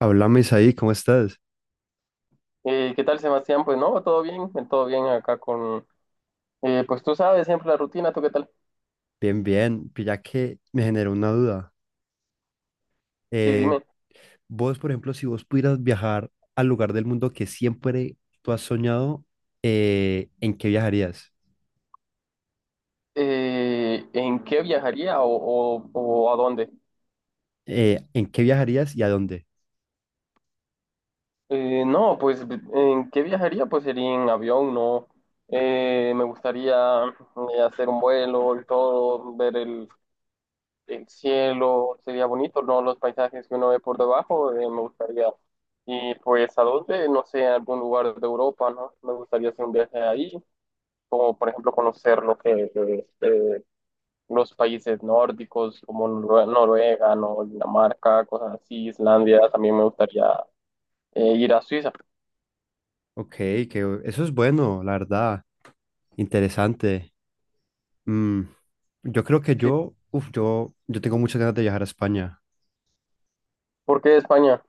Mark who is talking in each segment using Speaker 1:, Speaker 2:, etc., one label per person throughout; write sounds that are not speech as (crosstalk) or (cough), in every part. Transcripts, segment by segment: Speaker 1: Háblame, ahí, ¿cómo estás?
Speaker 2: ¿Qué tal, Sebastián? Pues no, todo bien acá con... pues tú sabes siempre la rutina, ¿tú qué tal?
Speaker 1: Bien, bien. Pilla que me generó una duda.
Speaker 2: Sí,
Speaker 1: Eh,
Speaker 2: dime,
Speaker 1: vos, por ejemplo, si vos pudieras viajar al lugar del mundo que siempre tú has soñado, ¿en qué viajarías?
Speaker 2: ¿en qué viajaría o a dónde?
Speaker 1: ¿En qué viajarías y a dónde?
Speaker 2: No, pues ¿en qué viajaría? Pues sería en avión, ¿no? Me gustaría hacer un vuelo y todo, ver el cielo, sería bonito, ¿no? Los paisajes que uno ve por debajo, me gustaría. Y pues a dónde, no sé, a algún lugar de Europa, ¿no? Me gustaría hacer un viaje ahí. Como por ejemplo conocer lo que los países nórdicos como Noruega, ¿no? Dinamarca, cosas así, Islandia, también me gustaría ir a Suiza.
Speaker 1: Ok, que eso es bueno, la verdad. Interesante. Mm, yo creo que
Speaker 2: Sí.
Speaker 1: yo tengo muchas ganas de viajar a España.
Speaker 2: ¿Por qué España?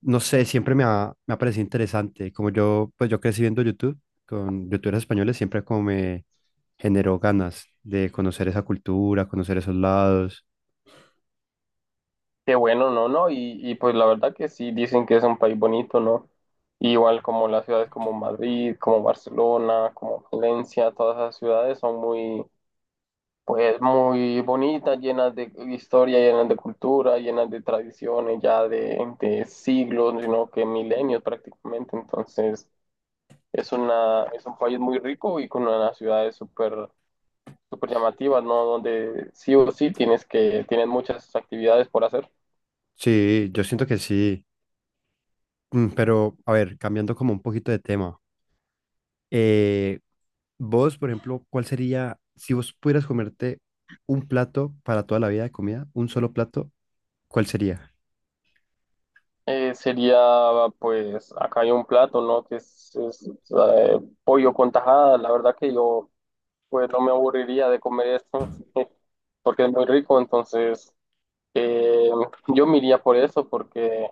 Speaker 1: No sé, siempre me ha parecido interesante. Como yo, pues yo crecí viendo YouTube con youtubers españoles, siempre como me generó ganas de conocer esa cultura, conocer esos lados.
Speaker 2: Qué bueno, ¿no? ¿No? Y pues la verdad que sí, dicen que es un país bonito, ¿no? Igual como las ciudades como Madrid, como Barcelona, como Valencia, todas esas ciudades son muy... Pues muy bonitas, llenas de historia, llenas de cultura, llenas de tradiciones ya de siglos, sino que milenios prácticamente. Entonces, es un país muy rico y con unas ciudades súper súper llamativas, ¿no? Donde sí o sí tienes que, tienes muchas actividades por hacer.
Speaker 1: Sí, yo siento que sí. Mm. Pero, a ver, cambiando como un poquito de tema. eh, vos, por ejemplo, ¿cuál sería, si vos pudieras comerte un plato para toda la vida de comida, un solo plato, ¿cuál sería?
Speaker 2: Sería, pues, acá hay un plato, ¿no? Que es pollo con tajada. La verdad que yo, pues, no me aburriría de comer esto (laughs) porque es muy rico. Entonces, Eh, yo me iría por eso porque,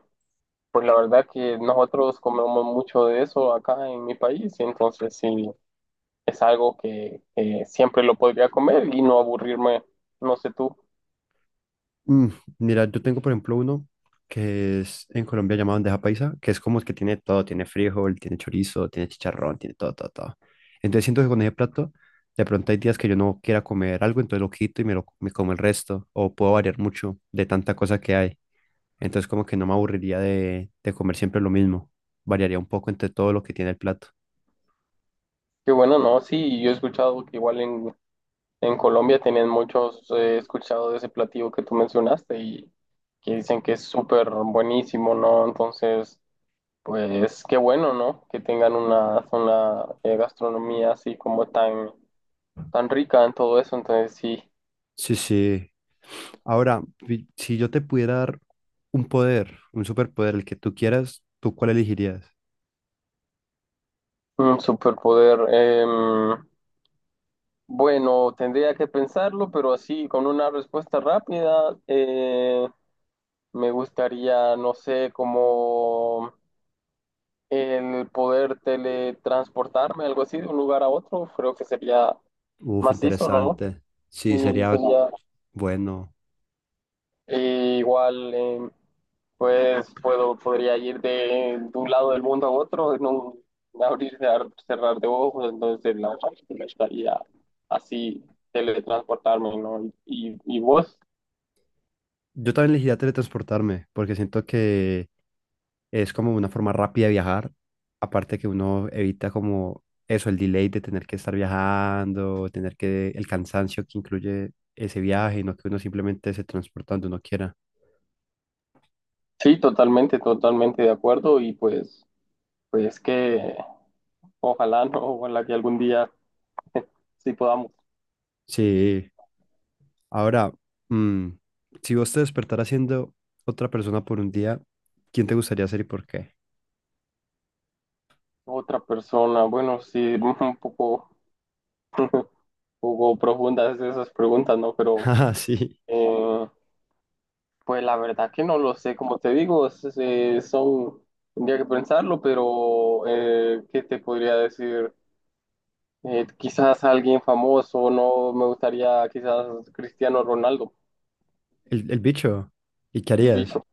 Speaker 2: pues la verdad que nosotros comemos mucho de eso acá en mi país, y entonces sí, es algo que siempre lo podría comer y no aburrirme, no sé tú.
Speaker 1: Mm, mira, yo tengo por ejemplo uno que es en Colombia llamado bandeja paisa, que es como el que tiene todo, tiene frijol, tiene chorizo, tiene chicharrón, tiene todo, todo, todo. Entonces siento que con ese plato, de pronto hay días que yo no quiera comer algo, entonces lo quito y me como el resto, o puedo variar mucho de tanta cosa que hay. Entonces como que no me aburriría de comer siempre lo mismo, variaría un poco entre todo lo que tiene el plato.
Speaker 2: Qué bueno, no, sí, yo he escuchado que igual en Colombia tienen muchos, he escuchado de ese platillo que tú mencionaste y que dicen que es súper buenísimo, ¿no? Entonces... Pues qué bueno, ¿no? Que tengan una gastronomía así como tan, tan rica en todo eso. Entonces sí,
Speaker 1: Sí, sí. Ahora, si yo te pudiera dar un poder, un superpoder, el que tú quieras, ¿tú cuál elegirías?
Speaker 2: un superpoder. Bueno, tendría que pensarlo, pero así con una respuesta rápida, me gustaría, no sé, como el poder teletransportarme, algo así, de un lugar a otro. Creo que sería
Speaker 1: Uf,
Speaker 2: macizo, ¿no?
Speaker 1: interesante. Sí,
Speaker 2: Sí,
Speaker 1: sería
Speaker 2: sería...
Speaker 1: bueno.
Speaker 2: E igual, pues puedo, podría ir de un lado del mundo a otro, no abrir, cerrar de ojos, entonces la me estaría así teletransportarme, ¿no? Y vos,
Speaker 1: Yo también elegiría teletransportarme porque siento que es como una forma rápida de viajar. Aparte que uno evita como eso, el delay de tener que estar viajando, tener que el cansancio que incluye ese viaje, y no que uno simplemente se transporta donde uno quiera.
Speaker 2: sí, totalmente, totalmente de acuerdo y pues, pues que ojalá, ¿no? Ojalá que algún día (laughs) sí podamos.
Speaker 1: Sí. Ahora, mm, si vos te despertaras siendo otra persona por un día, ¿quién te gustaría ser y por qué? (laughs)
Speaker 2: Otra persona, bueno, sí, (laughs) un poco. (laughs) Jugó profundas esas preguntas, ¿no? Pero,
Speaker 1: Ah, sí.
Speaker 2: eh, pues la verdad que no lo sé. Como te digo, es, son, tendría que pensarlo, pero ¿qué te podría decir? Quizás alguien famoso, no me gustaría quizás Cristiano Ronaldo,
Speaker 1: El bicho. ¿Y qué
Speaker 2: el
Speaker 1: harías?
Speaker 2: bicho.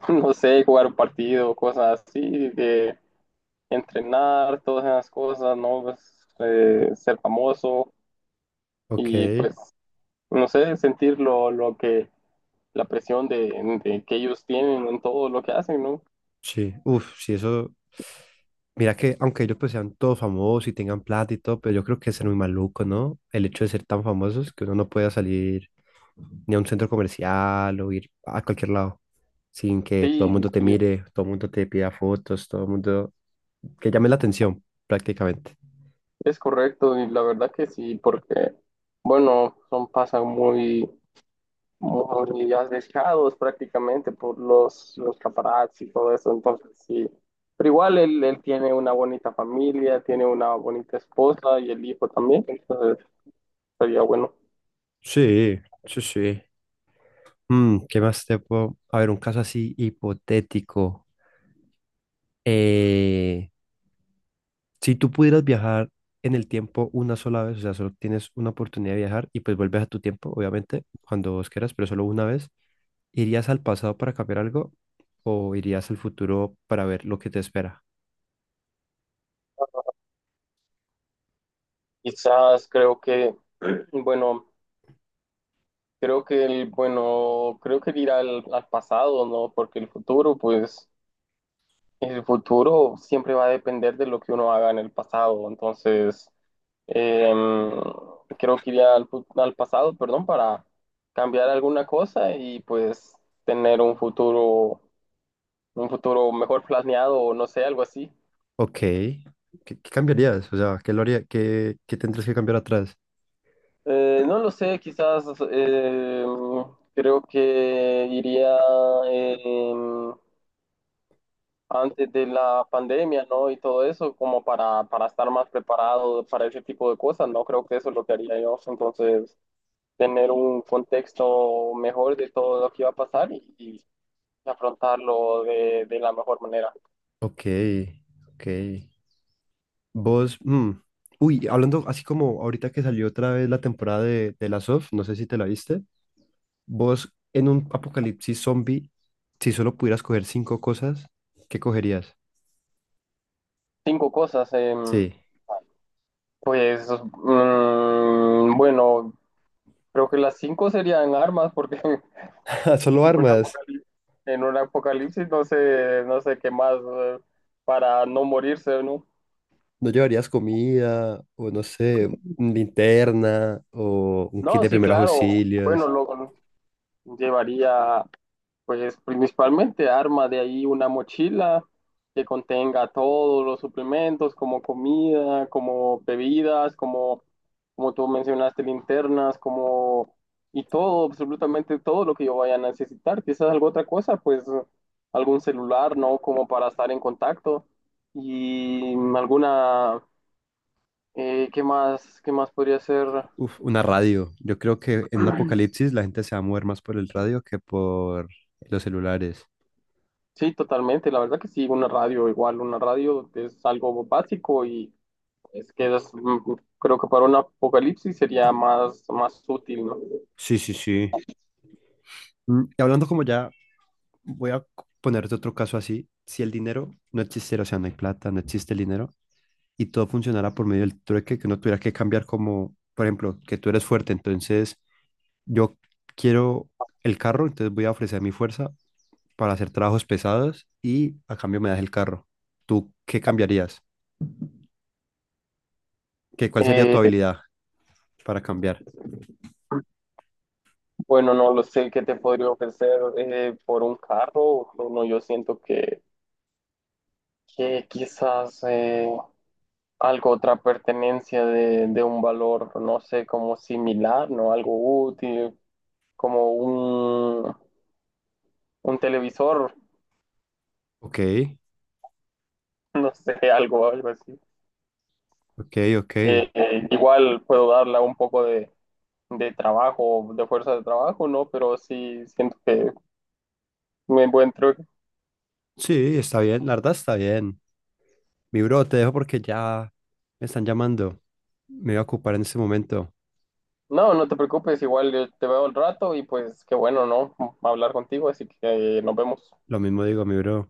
Speaker 2: (laughs) No sé, jugar un partido, cosas así, de entrenar, todas esas cosas, ¿no? Pues, ser famoso.
Speaker 1: Ok,
Speaker 2: Y pues, no sé, sentir lo que, la presión de que ellos tienen en todo lo que hacen, ¿no?
Speaker 1: sí, uf, sí, eso. Mira que, aunque ellos pues sean todos famosos y tengan plata y todo, pero yo creo que es ser muy maluco, ¿no? El hecho de ser tan famosos que uno no pueda salir ni a un centro comercial o ir a cualquier lado sin que todo el
Speaker 2: Sí,
Speaker 1: mundo te
Speaker 2: sí,
Speaker 1: mire, todo el mundo te pida fotos, todo el mundo que llame la atención prácticamente.
Speaker 2: es correcto y la verdad que sí, porque, bueno, son pasan muy, muy arriesgados prácticamente por los paparazzi y todo eso, entonces sí. Pero igual él tiene una bonita familia, tiene una bonita esposa y el hijo también, entonces sería bueno.
Speaker 1: Sí, sí, sí. Mm, ¿qué más te puedo? A ver, un caso así hipotético. Eh, Si tú pudieras viajar en el tiempo una sola vez, o sea, solo tienes una oportunidad de viajar y pues vuelves a tu tiempo, obviamente, cuando vos quieras, pero solo una vez, ¿irías al pasado para cambiar algo o irías al futuro para ver lo que te espera?
Speaker 2: Quizás creo que, (clears throat) bueno, creo que el, bueno, creo que ir al pasado, ¿no? Porque el futuro, pues, el futuro siempre va a depender de lo que uno haga en el pasado. Entonces, em, creo que iría al, al pasado, perdón, para cambiar alguna cosa y pues tener un futuro mejor planeado o no sé, algo así.
Speaker 1: Ok, ¿qué, qué cambiarías? O sea, qué, qué tendrías que cambiar atrás?
Speaker 2: No lo sé, quizás em, creo que iría em, antes de la pandemia, ¿no? Y todo eso, como para estar más preparado para ese tipo de cosas, ¿no? Creo que eso es lo que haría yo. Entonces, tener un contexto mejor de todo lo que iba a pasar y afrontarlo de la mejor manera.
Speaker 1: Ok, ok. Vos, mm, uy, hablando así como ahorita que salió otra vez la temporada de Last of, no sé si te la viste. Vos en un apocalipsis zombie, si solo pudieras coger 5 cosas, ¿qué cogerías?
Speaker 2: Cinco cosas.
Speaker 1: Sí.
Speaker 2: Pues, mm, bueno, creo que las cinco serían armas, porque (laughs)
Speaker 1: (laughs) Solo
Speaker 2: en un
Speaker 1: armas.
Speaker 2: apocalipsis, en un apocalipsis no sé, no sé qué más, para no morirse, ¿no?
Speaker 1: No llevarías comida o no sé, linterna o un kit
Speaker 2: No,
Speaker 1: de
Speaker 2: sí,
Speaker 1: primeros
Speaker 2: claro. Bueno,
Speaker 1: auxilios.
Speaker 2: lo llevaría, pues, principalmente arma de ahí una mochila que contenga todos los suplementos, como comida, como bebidas, como, como tú mencionaste, linternas, como, y todo, absolutamente todo lo que yo vaya a necesitar. Quizás alguna otra cosa, pues, algún celular, ¿no? Como para estar en contacto. Y alguna, qué más podría ser?
Speaker 1: Uf, una radio. Yo creo que en un apocalipsis la gente se va a mover más por el radio que por los celulares.
Speaker 2: Sí, totalmente. La verdad que sí, una radio igual, una radio es algo básico y es que es, mm, creo que para un apocalipsis sería más, más útil, ¿no?
Speaker 1: Sí, sí, sí. Mm, y hablando como ya, voy a c- ponerte otro caso así. Si el dinero no existiera, o sea, no hay plata, no existe el dinero, y todo funcionara por medio del trueque, que uno tuviera que cambiar como, por ejemplo, que tú eres fuerte, entonces yo quiero el carro, entonces voy a ofrecer mi fuerza para hacer trabajos pesados y a cambio me das el carro. ¿Tú qué cambiarías? ¿Qué, cuál sería tu
Speaker 2: Eh,
Speaker 1: habilidad para cambiar?
Speaker 2: bueno, no lo sé qué te podría ofrecer por un carro. Bueno, yo siento que quizás algo, otra pertenencia de un valor, no sé, como similar, ¿no? Algo útil, como un televisor,
Speaker 1: Ok,
Speaker 2: (laughs) no sé, algo, algo así.
Speaker 1: ok, ok.
Speaker 2: Igual puedo darla un poco de trabajo, de fuerza de trabajo, ¿no? Pero sí siento que me encuentro.
Speaker 1: Sí, está bien, la verdad está bien. Mi bro, te dejo porque ya me están llamando. Me voy a ocupar en este momento.
Speaker 2: No, no te preocupes, igual te veo al rato y pues qué bueno, ¿no? Hablar contigo, así que nos vemos.
Speaker 1: Lo mismo digo, mi bro.